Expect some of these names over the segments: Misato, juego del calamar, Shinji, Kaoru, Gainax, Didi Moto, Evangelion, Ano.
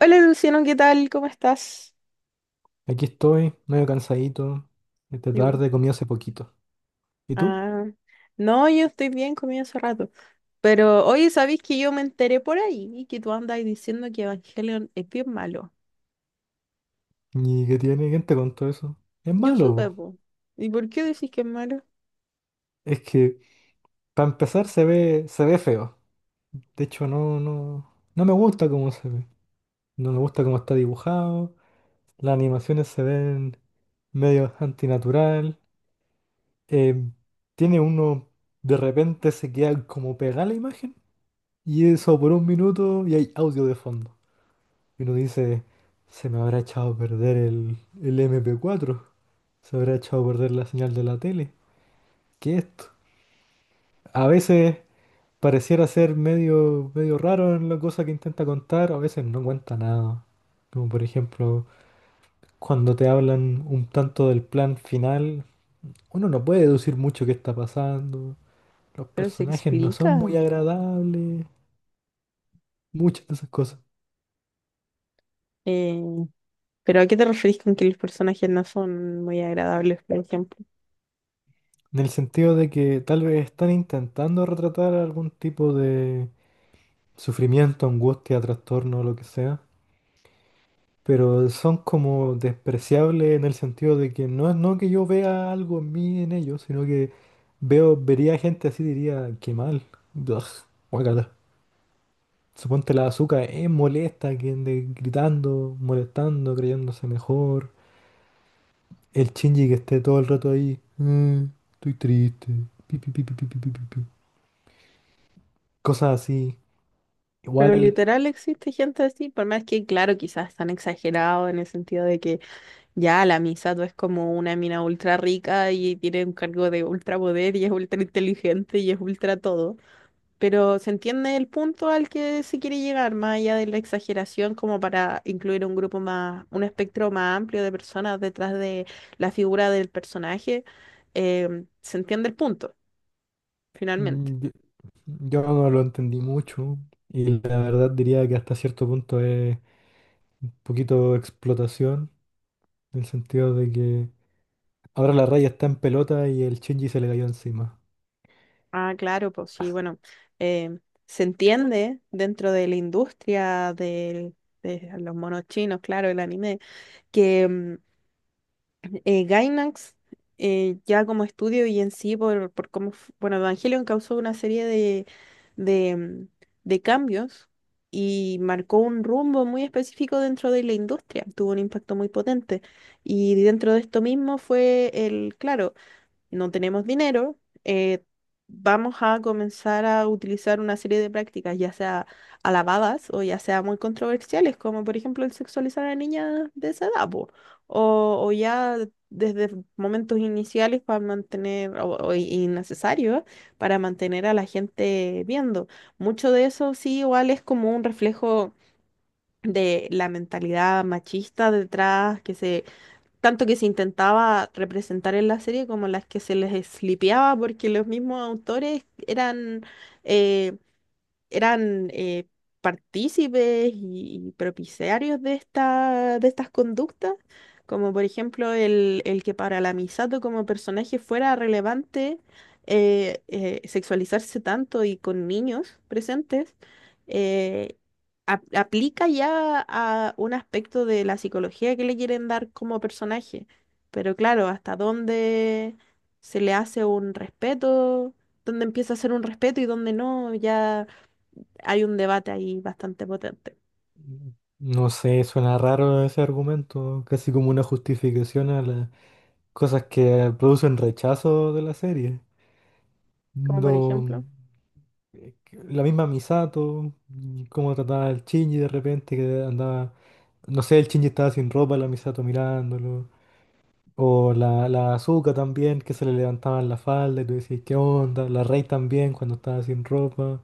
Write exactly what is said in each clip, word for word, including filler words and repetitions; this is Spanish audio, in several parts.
Hola Luciano, ¿qué tal? ¿Cómo estás? Aquí estoy, medio cansadito. Esta Yo, tarde comí hace poquito. ¿Y tú? ah, no, yo estoy bien, comí hace rato. Pero oye, ¿sabéis que yo me enteré por ahí que tú andas diciendo que Evangelion es bien malo? ¿Y qué tiene? ¿Quién te contó eso? Es Yo malo, supe, po. po. ¿Y por qué decís que es malo? Es que, para empezar, se ve, se ve feo. De hecho, no, no, no me gusta cómo se ve. No me gusta cómo está dibujado. Las animaciones se ven medio antinatural. eh, tiene uno, de repente se queda como pegada la imagen. Y eso por un minuto y hay audio de fondo. Y uno dice, se me habrá echado a perder el, el m p cuatro, se habrá echado a perder la señal de la tele. ¿Qué es esto? A veces pareciera ser medio, medio raro en la cosa que intenta contar, a veces no cuenta nada. Como por ejemplo, cuando te hablan un tanto del plan final, uno no puede deducir mucho qué está pasando. Los Pero se personajes no son muy explica. agradables, muchas de esas cosas. Eh, ¿Pero a qué te referís con que los personajes no son muy agradables, por ejemplo? En el sentido de que tal vez están intentando retratar algún tipo sufrimiento, angustia, trastorno, lo que sea, pero son como despreciables en el sentido de que no es no que yo vea algo en mí en ellos, sino que veo, vería gente así y diría, qué mal, ugh, guácala. Suponte la azúcar es molesta, que ande gritando, molestando, creyéndose mejor. El Shinji que esté todo el rato ahí, "Mm, estoy triste, pi, pi, pi, pi, pi, pi, pi, pi, pi". Cosas así. Pero Igual. literal existe gente así, por más que, claro, quizás están exagerados en el sentido de que ya, la Misato es como una mina ultra rica y tiene un cargo de ultra poder y es ultra inteligente y es ultra todo. Pero se entiende el punto al que se quiere llegar, más allá de la exageración, como para incluir un grupo más, un espectro más amplio de personas detrás de la figura del personaje. eh, se entiende el punto, finalmente. Mm, Yo, yo no lo entendí mucho y la verdad diría que hasta cierto punto es un poquito explotación, en el sentido de que ahora la raya está en pelota y el Shinji se le cayó encima. Ah, claro, pues sí, bueno, eh, se entiende dentro de la industria del- de los monos chinos, claro, el anime que em, eh, Gainax, eh, ya como estudio y en sí, por, por cómo, f- bueno, Evangelion causó una serie de, de, mm, de cambios y marcó un rumbo muy específico dentro de la industria, tuvo un impacto muy potente. Y dentro de esto mismo fue el, claro, no tenemos dinero, eh, vamos a comenzar a utilizar una serie de prácticas, ya sea alabadas o ya sea muy controversiales, como por ejemplo el sexualizar a niñas de esa edad, po, o, o ya desde momentos iniciales para mantener, o, o innecesarios, para mantener a la gente viendo. Mucho de eso sí igual es como un reflejo de la mentalidad machista detrás que se tanto que se intentaba representar en la serie como las que se les eslipeaba porque los mismos autores eran, eh, eran eh, partícipes y, y propiciarios de esta, de estas conductas, como por ejemplo el, el que para la Misato como personaje fuera relevante eh, eh, sexualizarse tanto y con niños presentes, eh, ap- aplica ya a un aspecto de la psicología que le quieren dar como personaje. Pero claro, hasta dónde se le hace un respeto, dónde empieza a ser un respeto y dónde no, ya hay un debate ahí bastante potente. No sé, suena raro ese argumento, casi como una justificación a las cosas que producen rechazo de la serie. Como por ejemplo, No, eh, que- la misma Misato, y cómo trataba al Shinji de repente, que andaba, no sé, el Shinji estaba sin ropa, la Misato mirándolo. O la, la azúcar también, que se le levantaban la falda y tú decís, ¿qué onda? La Rey también, cuando estaba sin ropa.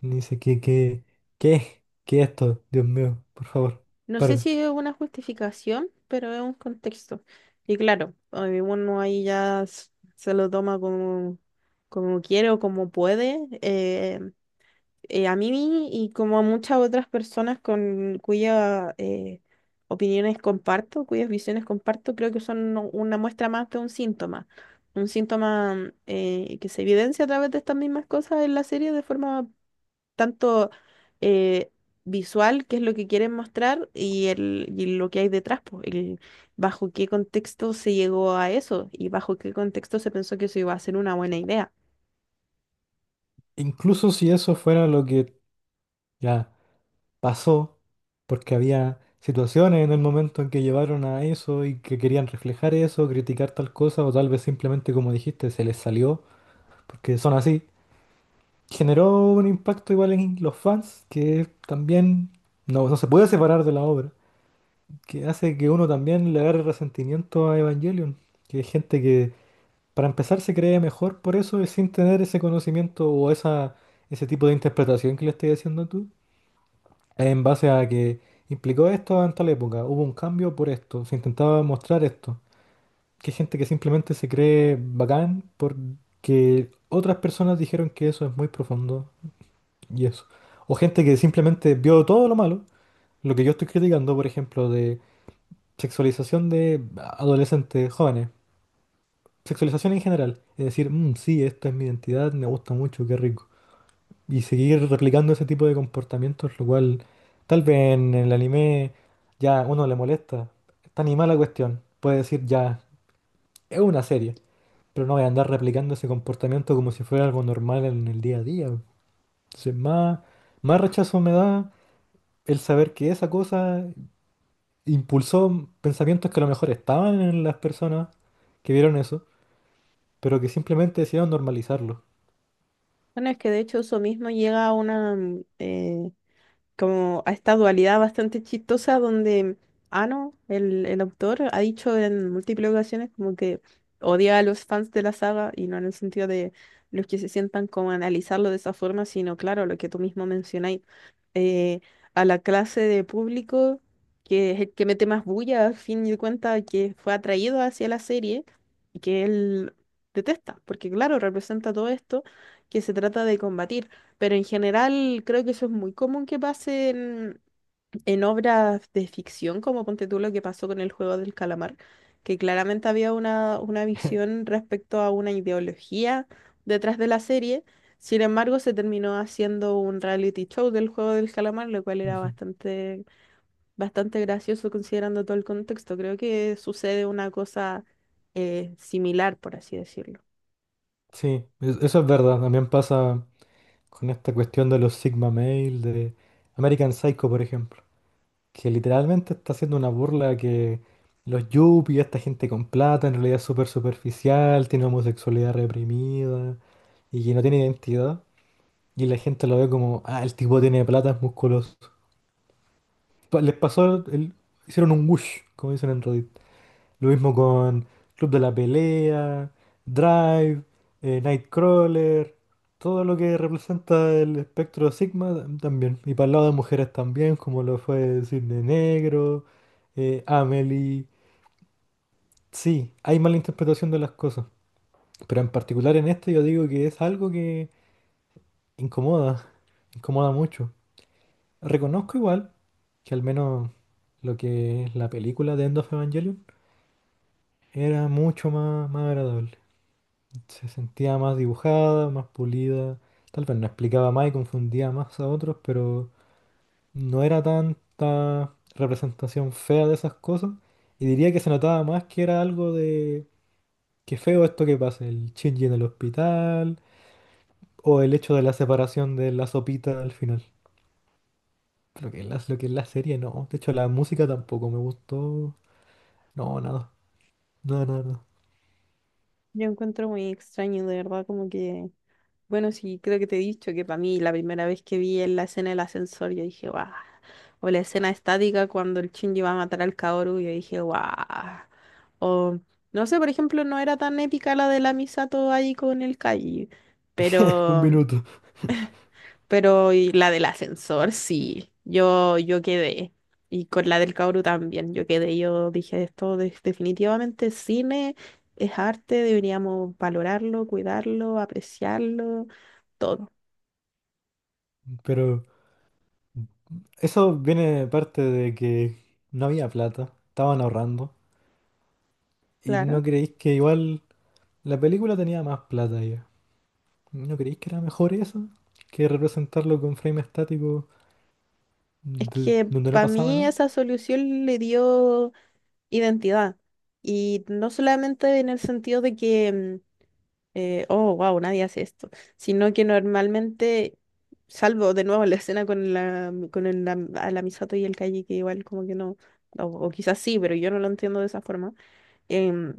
Y dice, ¿qué, qué, qué? ¿Qué es esto? Dios mío, por favor, no sé paren. si es una justificación, pero es un contexto. Y claro, eh, uno ahí ya s- se lo toma como, como quiere o como puede. eh, eh, a mí y como a muchas otras personas con cuyas eh, opiniones comparto, cuyas visiones comparto, creo que son u- una muestra más de un síntoma. Un síntoma eh, que se evidencia a través de estas mismas cosas en la serie de forma tanto eh, visual, qué es lo que quieren mostrar, y, el, y lo que hay detrás, pues, el, bajo qué contexto se llegó a eso y bajo qué contexto se pensó que eso iba a ser una buena idea. Incluso si eso fuera lo que ya pasó, porque había situaciones en el momento en que llevaron a eso y que querían reflejar eso, criticar tal cosa, o tal vez simplemente, como dijiste, se les salió, porque son así. Generó un impacto igual en los fans, que también no, no se puede separar de la obra, que hace que uno también le agarre resentimiento a Evangelion. Que hay gente que, para empezar, se cree mejor por eso y sin tener ese conocimiento o esa, ese tipo de interpretación que le estoy haciendo tú, en base a que implicó esto en tal época, hubo un cambio por esto, se intentaba mostrar esto. Que hay gente que simplemente se cree bacán porque otras personas dijeron que eso es muy profundo y eso. O gente que simplemente vio todo lo malo, lo que yo estoy criticando, por ejemplo, de sexualización de adolescentes, jóvenes. Sexualización en general. Es decir, "Mm, sí, esta es mi identidad, me gusta mucho, qué rico". Y seguir replicando ese tipo de comportamientos, lo cual tal vez en el anime ya uno le molesta. Está animada la cuestión. Puede decir ya, es una serie, pero no voy a andar replicando ese comportamiento como si fuera algo normal en el día a día. Entonces, más, más rechazo me da el saber que esa cosa impulsó pensamientos que a lo mejor estaban en las personas que vieron eso pero que simplemente decidieron normalizarlo. Bueno, es que de hecho eso mismo llega a una, mm, eh, como a esta dualidad bastante chistosa donde Ano, el, el autor, ha dicho en múltiples ocasiones como que odia a los fans de la saga y no en el sentido de los que se sientan como a analizarlo de esa forma, sino claro, lo que tú mismo mencionáis, eh, a la clase de público que es el que mete más bulla, al fin y cuenta, que fue atraído hacia la serie y que él detesta, porque claro, representa todo esto que se trata de combatir. Pero en general creo que eso es muy común que pase en, en obras de ficción, como ponte tú lo que pasó con el juego del calamar, que claramente había una, una visión respecto a una ideología detrás de la serie. Sin embargo, se terminó haciendo un reality show del juego del calamar, lo cual era Ujú. bastante, bastante gracioso considerando todo el contexto. Creo que sucede una cosa eh, similar, por así decirlo. Sí, es- eso es verdad. También pasa con esta cuestión de los Sigma Male, de American Psycho, por ejemplo, que literalmente está haciendo una burla a que los yuppies, esta gente con plata, en realidad es súper superficial, tiene homosexualidad reprimida y que no tiene identidad. Y la gente lo ve como, ah, el tipo tiene plata, es musculoso. Pa- Les pasó, el- hicieron un whoosh, como dicen en Reddit. Lo mismo con Club de la Pelea, Drive, eh, Nightcrawler, todo lo que representa el espectro Sigma tam- también. Y para el lado de mujeres también, como lo fue Cisne Negro, eh, Amelie. Sí, hay mala interpretación de las cosas. Pero en particular en este yo digo que es algo que incomoda, incomoda mucho. Reconozco igual que al menos lo que es la película de End of Evangelion era mucho más, más agradable. Se sentía más dibujada, más pulida. Tal vez no explicaba más y confundía más a otros, pero no era tanta representación fea de esas cosas. Y diría que se notaba más que era algo de qué feo esto que pasa, el Shinji en el hospital, o el hecho de la separación de la sopita al final. Lo que es la, lo que es la serie, no. De hecho, la música tampoco me gustó. No, nada. Nada, nada, nada. Yo encuentro muy extraño, de verdad, como que bueno, sí, creo que te he dicho que para mí la primera vez que vi en la escena del ascensor, yo dije, guau. O la escena estática cuando el Shinji va a matar al Kaoru, yo dije, guau. O, no sé, por ejemplo, no era tan épica la de la Misato ahí con el Kai, Un pero, minuto. pero y la del ascensor, sí, yo, yo quedé. Y con la del Kaoru también, yo quedé. Yo dije, esto de- definitivamente es cine, es arte, deberíamos valorarlo, cuidarlo, apreciarlo todo. Pero eso viene de parte de que no había plata, estaban ahorrando. Y Claro, no creéis que igual la película tenía más plata ya. ¿No creéis que era mejor eso? Que representarlo con frame estático, es de- que donde no para pasaba mí nada. esa solución le dio identidad. Y no solamente en el sentido de que, mm, eh, oh, wow, nadie hace esto, sino que normalmente, salvo de nuevo la escena con la, mm, con el, la, a la Misato y el Calle, que igual como que no, o, o quizás sí, pero yo no lo entiendo de esa forma, em,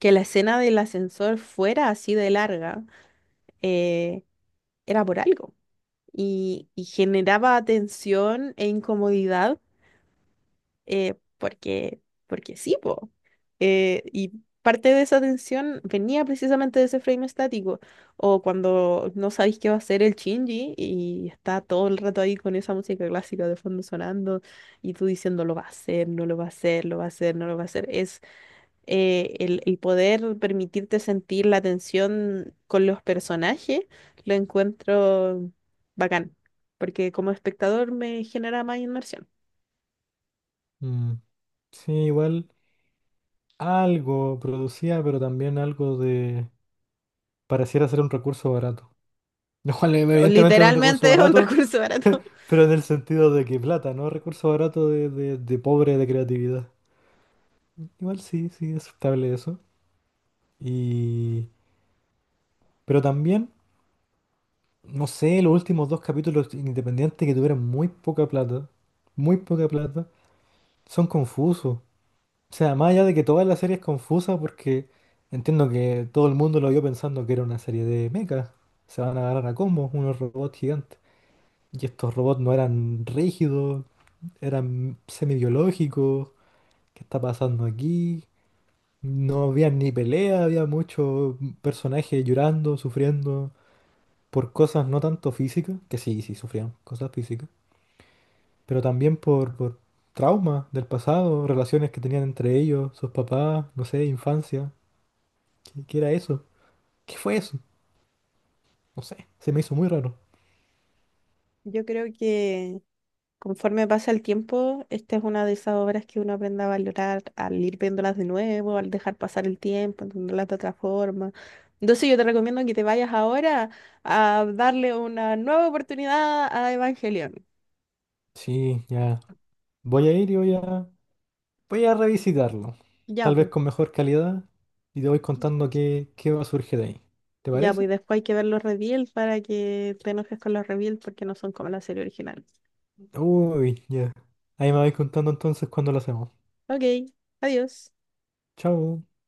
que la escena del ascensor fuera así de larga, eh, era por algo. Y, y generaba tensión e incomodidad, eh, porque, porque sí, po. Eh, y parte de esa tensión venía precisamente de ese frame estático, o cuando no sabéis qué va a hacer el Shinji y está todo el rato ahí con esa música clásica de fondo sonando y tú diciendo lo va a hacer, no lo va a hacer, lo va a hacer, no lo va a hacer. Es eh, el, el poder permitirte sentir la tensión con los personajes, lo encuentro bacán, porque como espectador me genera más inmersión. Mm. Sí, igual algo producía, pero también algo de... Pareciera ser un recurso barato. Lo cual eh, O evidentemente es un recurso literalmente es un barato, recurso barato. pero en el sentido de que plata, no recurso barato de, de de pobre de creatividad. Igual sí, sí, es aceptable eso. Y... Pero también, no sé, los últimos dos capítulos independientes que tuvieron muy poca plata, muy poca plata, son confusos. O sea, más allá de que toda la serie es confusa porque entiendo que todo el mundo lo vio pensando que era una serie de mechas. Se van a agarrar a combos unos robots gigantes. Y estos robots no eran rígidos, eran semi-biológicos. ¿Qué está pasando aquí? No había ni pelea, había muchos personajes llorando, sufriendo. Por cosas no tanto físicas, que sí, sí sufrían cosas físicas, pero también por, por traumas del pasado, relaciones que tenían entre ellos, sus papás, no sé, infancia. ¿Qué, qué era eso? ¿Qué fue eso? No sé, se me hizo muy raro. Yo creo que conforme pasa el tiempo, esta es una de esas obras que uno aprende a valorar al ir viéndolas de nuevo, al dejar pasar el tiempo, entenderlas de otra forma. Entonces yo te recomiendo que te vayas ahora a darle una nueva oportunidad a Evangelion. Sí, ya. Voy a ir y voy a, voy a revisitarlo. Ya, Tal vez pues. con mejor calidad y te voy contando qué, qué va a surgir de ahí. ¿Te Ya, pues parece? después hay que ver los reveals para que te enojes con los reveals porque no son como la serie original. Uy, ya. Ahí me vais contando entonces cuándo lo hacemos. Ok, adiós. Chao.